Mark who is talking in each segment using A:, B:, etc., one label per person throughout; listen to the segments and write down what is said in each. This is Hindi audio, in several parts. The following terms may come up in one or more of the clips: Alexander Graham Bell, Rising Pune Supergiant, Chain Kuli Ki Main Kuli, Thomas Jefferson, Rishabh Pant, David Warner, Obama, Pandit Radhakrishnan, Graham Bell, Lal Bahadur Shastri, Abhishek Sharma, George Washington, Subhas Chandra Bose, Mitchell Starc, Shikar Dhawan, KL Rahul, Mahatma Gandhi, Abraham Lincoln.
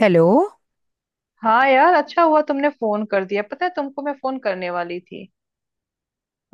A: हेलो।
B: हाँ यार, अच्छा हुआ तुमने फोन कर दिया। पता है तुमको, मैं फोन करने वाली थी।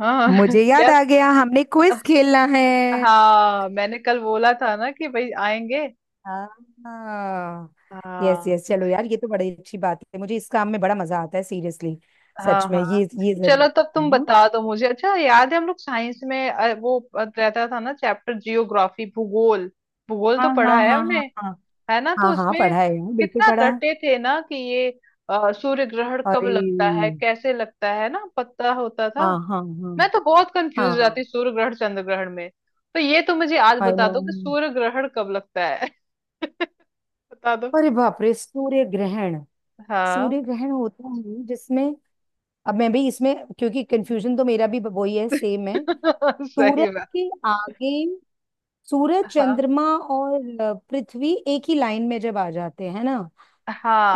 B: हाँ
A: मुझे याद
B: यार।
A: आ गया, हमने क्विज खेलना है।
B: हाँ, मैंने कल बोला था ना कि भाई आएंगे।
A: हाँ, यस
B: हाँ।
A: यस, चलो यार, ये तो बड़ी अच्छी बात है। मुझे इस काम में बड़ा मजा आता है, सीरियसली,
B: हाँ।
A: सच में।
B: हाँ।
A: ये जरूर
B: चलो, तब तुम
A: है।
B: बता दो मुझे। अच्छा याद है, हम लोग साइंस में वो रहता था ना चैप्टर, जियोग्राफी, भूगोल। भूगोल
A: हाँ
B: तो
A: हाँ
B: पढ़ा है
A: हाँ
B: हमने।
A: हाँ हाँ।
B: है ना? तो
A: हाँ हाँ,
B: उसमें
A: पढ़ा है यार, बिल्कुल
B: कितना
A: पढ़ा है।
B: रटे थे ना कि ये सूर्य ग्रहण कब
A: अरे,
B: लगता है कैसे लगता है ना, पता होता था।
A: हाँ हाँ हाँ
B: मैं तो बहुत कंफ्यूज हो जाती
A: हाँ।
B: हूँ सूर्य ग्रहण चंद्र ग्रहण में। तो ये तो मुझे आज
A: आई
B: बता
A: नो।
B: दो कि सूर्य ग्रहण कब लगता है। बता दो।
A: अरे बाप रे, सूर्य ग्रहण।
B: हाँ।
A: सूर्य ग्रहण होता है जिसमें, अब मैं भी इसमें, क्योंकि कंफ्यूजन तो मेरा भी वही है, सेम है। सूरज
B: सही बात।
A: के आगे सूरज
B: हाँ
A: चंद्रमा और पृथ्वी एक ही लाइन में जब आ जाते हैं ना,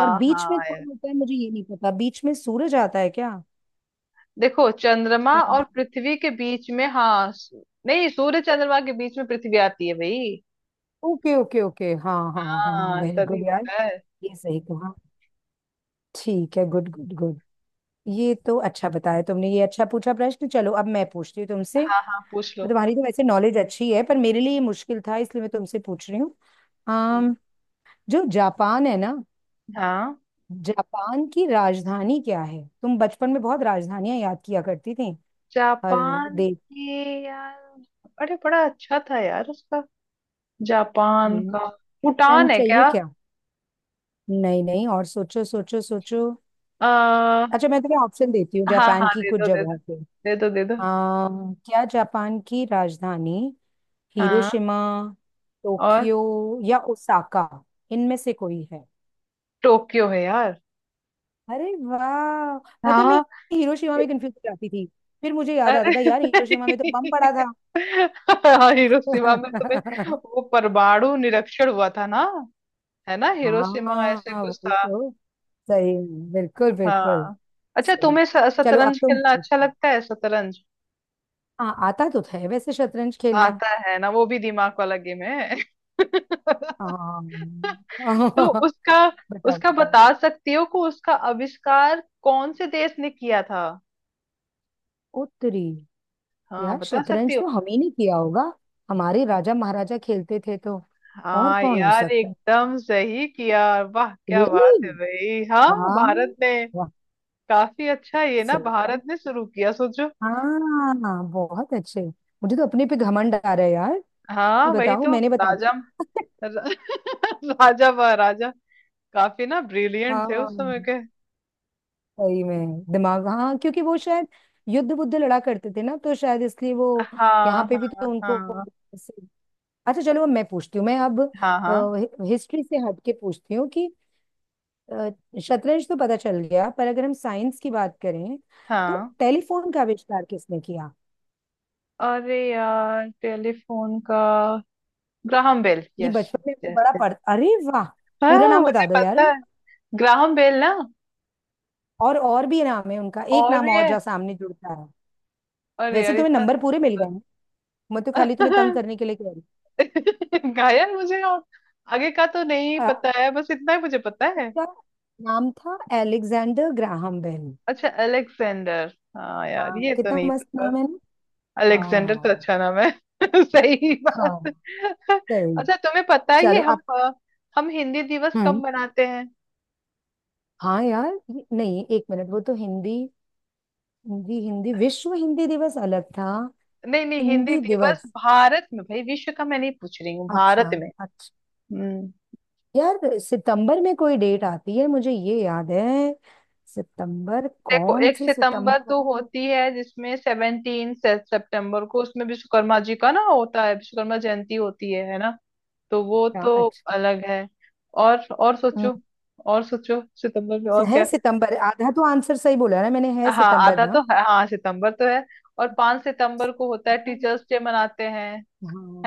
A: और बीच में
B: हाँ यार।
A: कौन होता है, मुझे ये नहीं पता। बीच में सूरज आता है क्या?
B: देखो, चंद्रमा और पृथ्वी के बीच में, हाँ, नहीं, सूर्य चंद्रमा के बीच में पृथ्वी आती है भाई।
A: ओके ओके ओके, हाँ हाँ हाँ हाँ, हाँ,
B: हाँ,
A: वेरी
B: तभी
A: गुड यार।
B: होता है।
A: ये सही कहा। ठीक है, गुड गुड गुड। ये तो अच्छा बताया तुमने, ये अच्छा पूछा प्रश्न। चलो अब मैं पूछती हूँ तुमसे।
B: हाँ हाँ, पूछ लो।
A: तुम्हारी तो वैसे नॉलेज अच्छी है, पर मेरे लिए ये मुश्किल था, इसलिए मैं तुमसे पूछ रही हूँ।
B: हम्म।
A: अम, जो जापान है ना,
B: हाँ,
A: जापान की राजधानी क्या है? तुम बचपन में बहुत राजधानियां याद किया करती थी हर
B: जापान
A: देश।
B: के। यार, अरे बड़ा अच्छा था यार उसका, जापान
A: हम्म,
B: का।
A: ऑप्शन
B: भूटान है
A: चाहिए
B: क्या?
A: क्या? नहीं नहीं, और सोचो सोचो सोचो।
B: हाँ।
A: अच्छा मैं तुम्हें ऑप्शन देती हूँ जापान
B: हाँ,
A: की
B: दे
A: कुछ
B: दो दे दो।
A: जगहों के।
B: दे दो दे दो।
A: आ, क्या जापान की राजधानी
B: हाँ।
A: हिरोशिमा,
B: और
A: टोक्यो या ओसाका? इनमें से कोई है?
B: टोक्यो है यार।
A: अरे वाह! पता है, मैं
B: हाँ।
A: हिरोशिमा में कंफ्यूज हो जाती थी, फिर मुझे याद आता था
B: अरे
A: यार हिरोशिमा में तो बम पड़ा था।
B: हाँ, हिरोशिमा में तुम्हें, वो परमाणु निरक्षण हुआ था ना? है ना, हिरोशिमा ऐसे
A: हाँ
B: कुछ
A: वही
B: था।
A: तो। सही, बिल्कुल बिल्कुल।
B: हाँ। अच्छा,
A: सही।
B: तुम्हें
A: चलो अब
B: शतरंज
A: तुम
B: खेलना अच्छा
A: पूछो।
B: लगता है? शतरंज
A: हाँ, आता तो है वैसे शतरंज खेलना।
B: आता है ना, वो भी दिमाग वाला गेम है।
A: हाँ
B: तो उसका,
A: बताओ
B: उसका
A: बताओ।
B: बता सकती हो कि उसका आविष्कार कौन से देश ने किया था?
A: उत्तरी।
B: हाँ,
A: यार
B: बता सकती
A: शतरंज
B: हो?
A: तो हम ही नहीं किया होगा, हमारे राजा महाराजा खेलते थे तो और
B: हाँ
A: कौन हो
B: यार,
A: सकता है?
B: एकदम सही किया। वाह क्या
A: रियली,
B: बात है भाई, हाँ, भारत
A: वाह
B: ने।
A: वाह।
B: काफी अच्छा ये ना,
A: सही है।
B: भारत ने शुरू किया, सोचो।
A: हाँ, बहुत अच्छे। मुझे तो अपने पे घमंड आ रहा है यार, कि
B: हाँ, वही
A: बताओ
B: तो।
A: मैंने बता
B: राजा
A: दिया।
B: र- राजा महाराजा काफी ना ब्रिलियंट थे उस समय
A: हाँ,
B: के।
A: सही में दिमाग, हाँ क्योंकि वो शायद युद्ध बुद्ध लड़ा करते थे ना, तो शायद इसलिए वो
B: हाँ
A: यहाँ पे भी तो
B: हाँ
A: उनको।
B: हाँ
A: अच्छा चलो अब मैं पूछती हूँ, मैं अब
B: हाँ हाँ
A: हिस्ट्री से हट के पूछती हूँ कि अ, शतरंज तो पता चल गया, पर अगर हम साइंस की बात करें तो
B: हाँ।
A: टेलीफोन का आविष्कार किसने किया?
B: अरे यार, टेलीफोन का ग्राहम बेल,
A: ये
B: यस।
A: बचपन में हमने बड़ा
B: यस,
A: पढ़, अरे वाह। पूरा
B: हाँ
A: नाम
B: मुझे
A: बता दो यार।
B: पता है। ग्राहम बेल ना।
A: और भी नाम है उनका, एक
B: और
A: नाम
B: भी
A: और
B: है?
A: जहाँ सामने जुड़ता है।
B: अरे
A: वैसे
B: यार,
A: तुम्हें
B: इतना
A: नंबर पूरे मिल गए हैं, मैं तो खाली तुम्हें तंग करने के लिए कह रही
B: गायन मुझे और आगे का तो नहीं
A: हूँ।
B: पता है, बस इतना ही मुझे पता है।
A: उसका नाम था एलेक्जेंडर ग्राहम बेल।
B: अच्छा, अलेक्जेंडर, हाँ यार,
A: हाँ
B: ये तो
A: कितना
B: नहीं
A: मस्त
B: पता।
A: नाम है ना।
B: अलेक्जेंडर तो
A: हाँ
B: अच्छा नाम है। सही
A: हाँ,
B: बात।
A: सही।
B: अच्छा, तुम्हें पता है, ये
A: चलो,
B: हम हम हिंदी दिवस कब
A: आप।
B: मनाते हैं?
A: हाँ यार ये, नहीं एक मिनट, वो तो हिंदी, हिंदी हिंदी विश्व हिंदी दिवस अलग था।
B: नहीं नहीं, हिंदी
A: हिंदी
B: दिवस
A: दिवस,
B: भारत में भाई, विश्व का मैं नहीं पूछ रही हूँ, भारत
A: अच्छा
B: में।
A: अच्छा।
B: हम्म।
A: यार सितंबर में कोई डेट आती है मुझे ये याद है। सितंबर
B: देखो,
A: कौन
B: एक
A: सी
B: सितंबर
A: सितंबर
B: तो
A: है?
B: होती है जिसमें 17 सितंबर को उसमें विश्वकर्मा जी का ना होता है, विश्वकर्मा जयंती होती है ना? तो वो
A: अच्छा
B: तो
A: अच्छा।
B: अलग है। और
A: हम्म,
B: सोचो, और सोचो, सितंबर में और
A: है
B: क्या?
A: सितंबर, आधा तो आंसर सही बोला ना मैंने, है
B: हाँ
A: सितंबर
B: आधा तो
A: ना।
B: है, हाँ सितंबर तो है। और 5 सितंबर को होता है,
A: हाँ
B: टीचर्स डे मनाते हैं।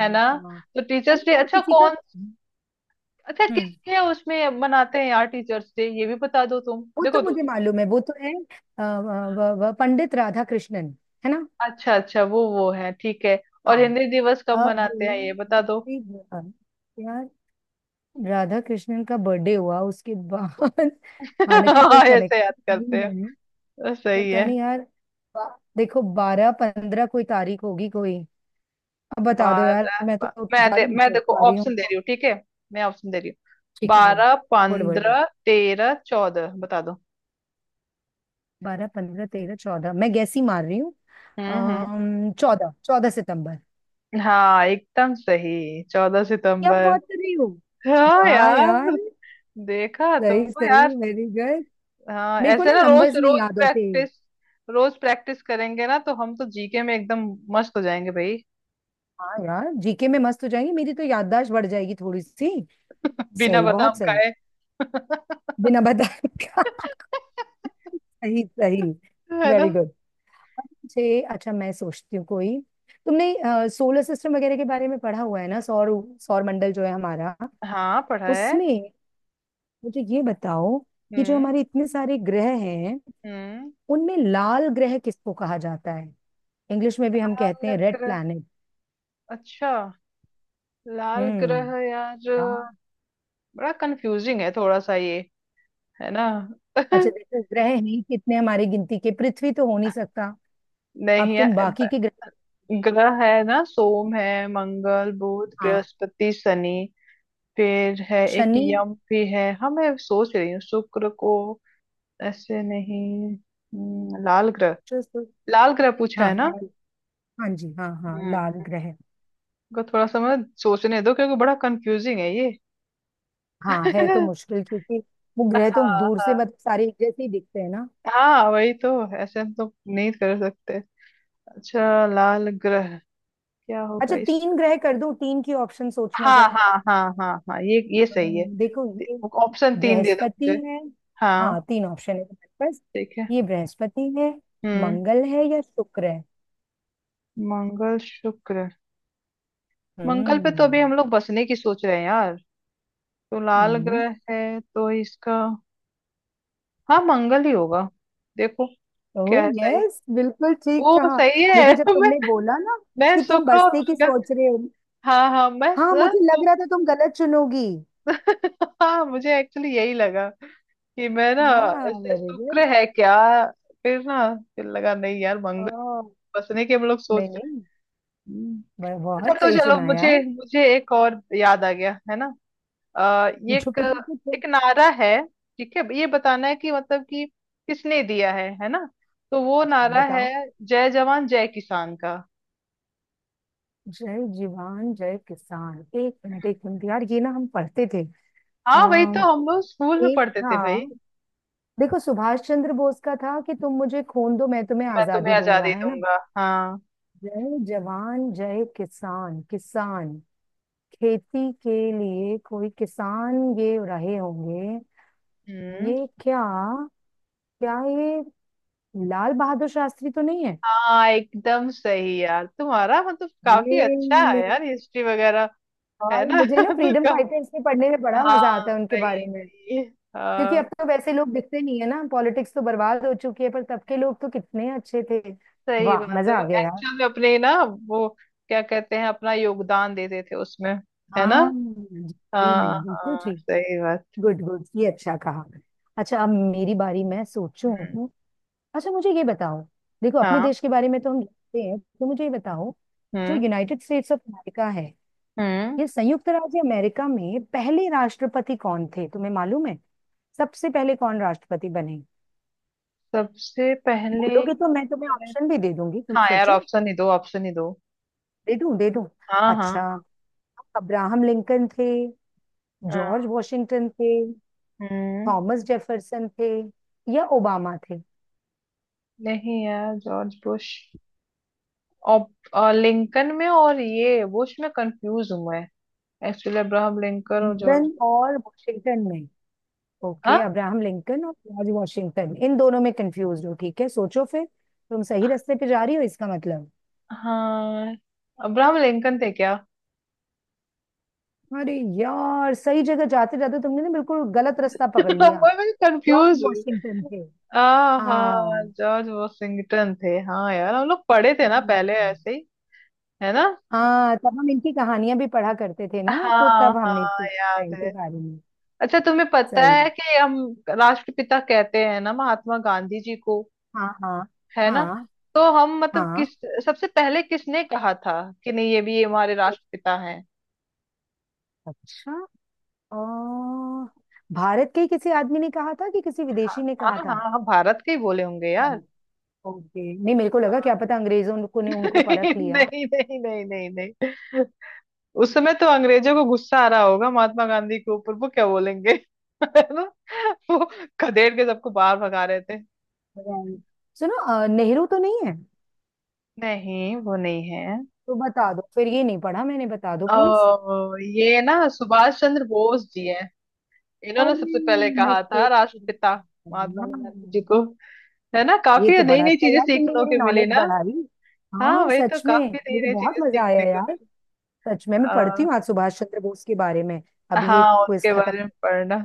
B: है ना? तो टीचर्स
A: अरे
B: डे
A: यार
B: अच्छा
A: किसी का।
B: कौन, अच्छा
A: हम्म,
B: किसके उसमें मनाते हैं यार टीचर्स डे ये भी बता दो तुम।
A: वो
B: देखो,
A: तो
B: दो,
A: मुझे
B: दो कुछ।
A: मालूम है, वो तो है पंडित राधा कृष्णन है
B: अच्छा अच्छा, वो है, ठीक है।
A: ना।
B: और हिंदी दिवस कब
A: अब
B: मनाते हैं ये बता दो।
A: फिर यार राधा कृष्णन का बर्थडे हुआ उसके बाद। हालांकि कोई
B: हाँ, ऐसे याद
A: कनेक्शन
B: करते
A: नहीं है।
B: हैं, सही
A: पता
B: है।
A: नहीं यार। बा- देखो बारह पंद्रह कोई तारीख होगी कोई, अब बता दो यार, मैं तो
B: 12।
A: ज्यादा नहीं
B: मैं
A: सोच
B: देखो,
A: पा रही हूँ।
B: ऑप्शन दे रही हूँ ठीक है? मैं ऑप्शन दे रही हूँ,
A: ठीक है बोलो,
B: बारह
A: बोलो बोलो बोलो।
B: पंद्रह तेरह चौदह बता दो।
A: बारह पंद्रह तेरह चौदह, मैं गैस ही मार रही हूँ।
B: हम्म।
A: चौदह, चौदह सितंबर।
B: हाँ एकदम सही, चौदह
A: क्या
B: सितंबर
A: बात कर रही हो!
B: हाँ
A: वाह
B: यार।
A: यार!
B: देखा
A: सही
B: तुमको
A: सही,
B: यार।
A: Very good.
B: हाँ,
A: मेरे को
B: ऐसे
A: ना
B: ना, रोज
A: नंबर्स नहीं
B: रोज
A: याद होते।
B: प्रैक्टिस। रोज प्रैक्टिस करेंगे ना तो हम तो जीके में एकदम मस्त हो जाएंगे भाई।
A: हाँ यार जीके में मस्त हो जाएंगे, मेरी तो याददाश्त बढ़ जाएगी थोड़ी सी।
B: बिना
A: सही, बहुत
B: बादाम
A: सही।
B: खाए।
A: बिना बताए क्या? सही सही,
B: है ना?
A: Very good. मुझे अच्छा, मैं सोचती हूँ कोई। तुमने सोलर सिस्टम वगैरह के बारे में पढ़ा हुआ है ना, सौर सौर मंडल जो है हमारा,
B: हाँ, पढ़ा है।
A: उसमें मुझे ये बताओ कि जो
B: हम्म
A: हमारे इतने सारे ग्रह हैं,
B: हम्म।
A: उनमें लाल ग्रह किसको कहा जाता है? इंग्लिश में भी हम कहते हैं
B: अलग।
A: Red planet.
B: अच्छा, लाल ग्रह
A: हम्म।
B: यार, बड़ा कंफ्यूजिंग है थोड़ा सा ये, है ना?
A: अच्छा देखो, ग्रह हैं ही कितने हमारी गिनती के, पृथ्वी तो हो नहीं सकता, अब
B: नहीं
A: तुम
B: यार,
A: बाकी के ग्रह।
B: ग्रह है ना, सोम है, मंगल, बुध,
A: हाँ।
B: बृहस्पति, शनि। फिर है, एक
A: शनि।
B: यम भी है। हाँ, मैं सोच रही हूँ शुक्र को। ऐसे नहीं, लाल ग्रह।
A: शुक्र,
B: लाल ग्रह पूछा
A: हाँ
B: है ना?
A: लाल, हाँ जी हाँ हाँ
B: हम्म
A: लाल ग्रह।
B: को थोड़ा सा मैं सोचने दो क्योंकि बड़ा कंफ्यूजिंग है ये।
A: हाँ है तो मुश्किल, क्योंकि वो
B: हाँ
A: ग्रह तो दूर
B: हाँ।
A: से मतलब सारे एक जैसे ही दिखते हैं ना।
B: हाँ वही तो, ऐसे हम तो नहीं कर सकते। अच्छा, लाल ग्रह क्या होगा
A: अच्छा
B: इस।
A: तीन ग्रह कर दो, तीन की ऑप्शन सोचना
B: हाँ
A: जरा।
B: हाँ हाँ हाँ हाँ, ये सही है।
A: देखो, ये
B: ऑप्शन तीन दे दो
A: बृहस्पति
B: मुझे।
A: है, हाँ
B: हाँ,
A: तीन ऑप्शन है तुम्हारे पास।
B: ठीक है।
A: ये बृहस्पति है,
B: हम्म।
A: मंगल है या शुक्र है।
B: मंगल, शुक्र। मंगल पे तो अभी
A: हम्म
B: हम लोग बसने की सोच रहे हैं यार। तो लाल
A: हम्म,
B: ग्रह है तो इसका, हाँ, मंगल ही होगा। देखो,
A: ओह
B: क्या है सही।
A: यस, बिल्कुल ठीक
B: ओ
A: कहा।
B: सही है।
A: मुझे जब
B: मैं
A: तुमने बोला ना
B: मैं
A: कि तुम
B: शुक्र और
A: बस्ती की
B: मंगल,
A: सोच रहे हो,
B: हाँ हाँ, मैं
A: हाँ
B: सर
A: मुझे लग
B: शुक्र,
A: रहा था तुम गलत चुनोगी।
B: हाँ मुझे एक्चुअली यही लगा कि मैं ना,
A: हाँ,
B: ऐसे
A: वेरी गुड।
B: शुक्र है क्या? फिर ना, फिर लगा नहीं यार, मंगल
A: ओह
B: बसने की हम लोग
A: नहीं
B: सोच रहे
A: नहीं,
B: हैं। हम्म। अच्छा,
A: बहुत
B: तो
A: सही
B: चलो,
A: चुना
B: मुझे
A: यार।
B: मुझे एक और याद आ गया है ना। ये
A: पूछो
B: एक,
A: पूछो पूछो।
B: एक नारा है। ठीक है, ये बताना है कि मतलब कि किसने दिया है ना? तो वो
A: अच्छा
B: नारा है
A: बताओ।
B: जय जवान जय किसान का।
A: जय जवान जय किसान, एक मिनट यार, ये ना हम पढ़ते थे।
B: हाँ वही
A: आ,
B: तो, हम लोग स्कूल में
A: एक
B: पढ़ते
A: था,
B: थे भाई।
A: देखो सुभाष चंद्र बोस का था कि तुम मुझे खून दो मैं तुम्हें
B: मैं तुम्हें
A: आजादी दूंगा,
B: आजादी
A: है ना।
B: दूंगा। हाँ।
A: जय जवान जय किसान, किसान खेती के लिए, कोई किसान ये रहे होंगे।
B: हम्म।
A: ये क्या, क्या ये लाल बहादुर शास्त्री तो नहीं है?
B: हाँ एकदम सही यार, तुम्हारा मतलब काफी अच्छा
A: ये,
B: है यार, हिस्ट्री वगैरह। है
A: और
B: ना?
A: मुझे ना
B: तो
A: फ्रीडम
B: का।
A: फाइटर्स के पढ़ने में बड़ा मजा
B: हाँ,
A: आता है, उनके बारे
B: सही
A: में।
B: सही।
A: क्योंकि अब तो वैसे लोग दिखते नहीं है ना, पॉलिटिक्स तो बर्बाद हो चुकी है, पर तब के लोग तो कितने अच्छे थे।
B: सही
A: वाह,
B: बात है,
A: मजा आ
B: वो
A: गया यार।
B: एक्चुअल में अपने ना, वो क्या कहते हैं, अपना योगदान देते थे उसमें, है ना?
A: हाँ जी, मैं
B: हाँ
A: बिल्कुल
B: हाँ,
A: ठीक।
B: सही बात।
A: गुड गुड, ये अच्छा कहा। अच्छा अब मेरी बारी, मैं
B: हम्म,
A: सोचूं। अच्छा मुझे ये बताओ, देखो अपने
B: हाँ।
A: देश के बारे में तो हम जानते हैं, तो मुझे ये बताओ जो
B: हम्म।
A: यूनाइटेड स्टेट्स ऑफ अमेरिका है,
B: हम्म।
A: ये संयुक्त राज्य अमेरिका में पहले राष्ट्रपति कौन थे? तुम्हें मालूम है सबसे पहले कौन राष्ट्रपति बने?
B: सबसे पहले?
A: बोलोगे तो मैं तुम्हें ऑप्शन भी दे दूंगी, तुम
B: हाँ यार,
A: सोचो।
B: ऑप्शन ही दो, ऑप्शन ही दो।
A: दे दूं दे दूं?
B: हाँ।
A: अच्छा,
B: हाँ
A: अब्राहम लिंकन थे,
B: हाँ,
A: जॉर्ज वॉशिंगटन थे,
B: हम्म।
A: थॉमस जेफरसन थे, या ओबामा थे।
B: नहीं यार, जॉर्ज बुश, और, और लिंकन में और ये बुश में कंफ्यूज हूँ मैं। एक्चुअली अब्राहम लिंकन और जॉर्ज
A: लिंकन
B: बुश।
A: और वॉशिंगटन में, ओके
B: हाँ।
A: अब्राहम लिंकन और जॉर्ज वॉशिंगटन इन दोनों में कंफ्यूज हो, ठीक है सोचो फिर। तुम सही रास्ते पे जा रही हो इसका मतलब।
B: हाँ, अब्राहम लिंकन थे क्या?
A: अरे यार, सही जगह जाते जाते तुमने ना बिल्कुल गलत रास्ता पकड़ लिया।
B: मैं
A: जॉर्ज
B: कंफ्यूज हूँ।
A: वॉशिंगटन थे।
B: आ हाँ,
A: हाँ।
B: जॉर्ज वॉशिंगटन थे। हाँ यार, हम लोग पढ़े थे ना पहले
A: हम्म।
B: ऐसे ही। है ना?
A: हाँ तब हम इनकी कहानियां भी पढ़ा करते थे ना, तो
B: हाँ
A: तब हमने
B: हाँ,
A: सीखा था
B: याद
A: इनके
B: है।
A: बारे में।
B: अच्छा, तुम्हें पता है
A: सही।
B: कि हम राष्ट्रपिता कहते हैं ना महात्मा गांधी जी को,
A: हाँ हाँ
B: है ना?
A: हाँ
B: तो हम मतलब
A: हाँ।
B: किस, सबसे पहले किसने कहा था कि नहीं ये भी हमारे राष्ट्रपिता हैं?
A: अच्छा, और भारत के ही किसी आदमी ने कहा था कि किसी विदेशी ने
B: हाँ
A: कहा था?
B: हाँ हाँ हाँ, भारत के ही बोले होंगे यार।
A: ओके, नहीं मेरे को लगा क्या पता अंग्रेजों को
B: नहीं,
A: ने उनको परख लिया।
B: नहीं नहीं नहीं नहीं नहीं। उस समय तो अंग्रेजों को गुस्सा आ रहा होगा महात्मा गांधी के ऊपर, वो क्या बोलेंगे? है ना? वो खदेड़ के सबको बाहर भगा रहे थे।
A: Right. सुनो, नेहरू तो नहीं है?
B: नहीं, वो नहीं है।
A: तो बता दो फिर, ये नहीं पढ़ा मैंने, बता दो प्लीज।
B: ओ, ये ना सुभाष चंद्र बोस जी हैं, इन्होंने
A: और
B: सबसे पहले
A: मैं
B: कहा था
A: सोच रही
B: राष्ट्रपिता
A: थी,
B: महात्मा गांधी जी
A: हाँ,
B: को। है ना,
A: ये
B: काफी
A: तो
B: नई
A: बड़ा
B: नई
A: अच्छा
B: चीजें
A: यार, तुमने
B: सीखने
A: मेरी
B: को मिली
A: नॉलेज
B: ना।
A: बढ़ाई।
B: हाँ
A: हाँ
B: वही तो,
A: सच में।
B: काफी नई
A: मुझे
B: नई
A: बहुत
B: चीजें
A: मजा आया
B: सीखने को
A: यार,
B: मिली।
A: सच में। मैं पढ़ती
B: आ,
A: हूँ आज सुभाष चंद्र बोस के बारे में। अब ये
B: हाँ,
A: क्विज
B: उनके
A: खत्म।
B: बारे में पढ़ना।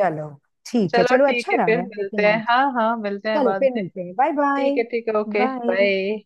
A: चलो ठीक है,
B: चलो
A: चलो
B: ठीक
A: अच्छा
B: है,
A: रहा
B: फिर
A: यार, लेकिन
B: मिलते हैं,
A: आज
B: हाँ हाँ, मिलते हैं
A: चलो
B: बाद
A: फिर
B: में।
A: मिलते हैं, बाय बाय।
B: ठीक है ठीक है, ओके
A: बाय।
B: बाय।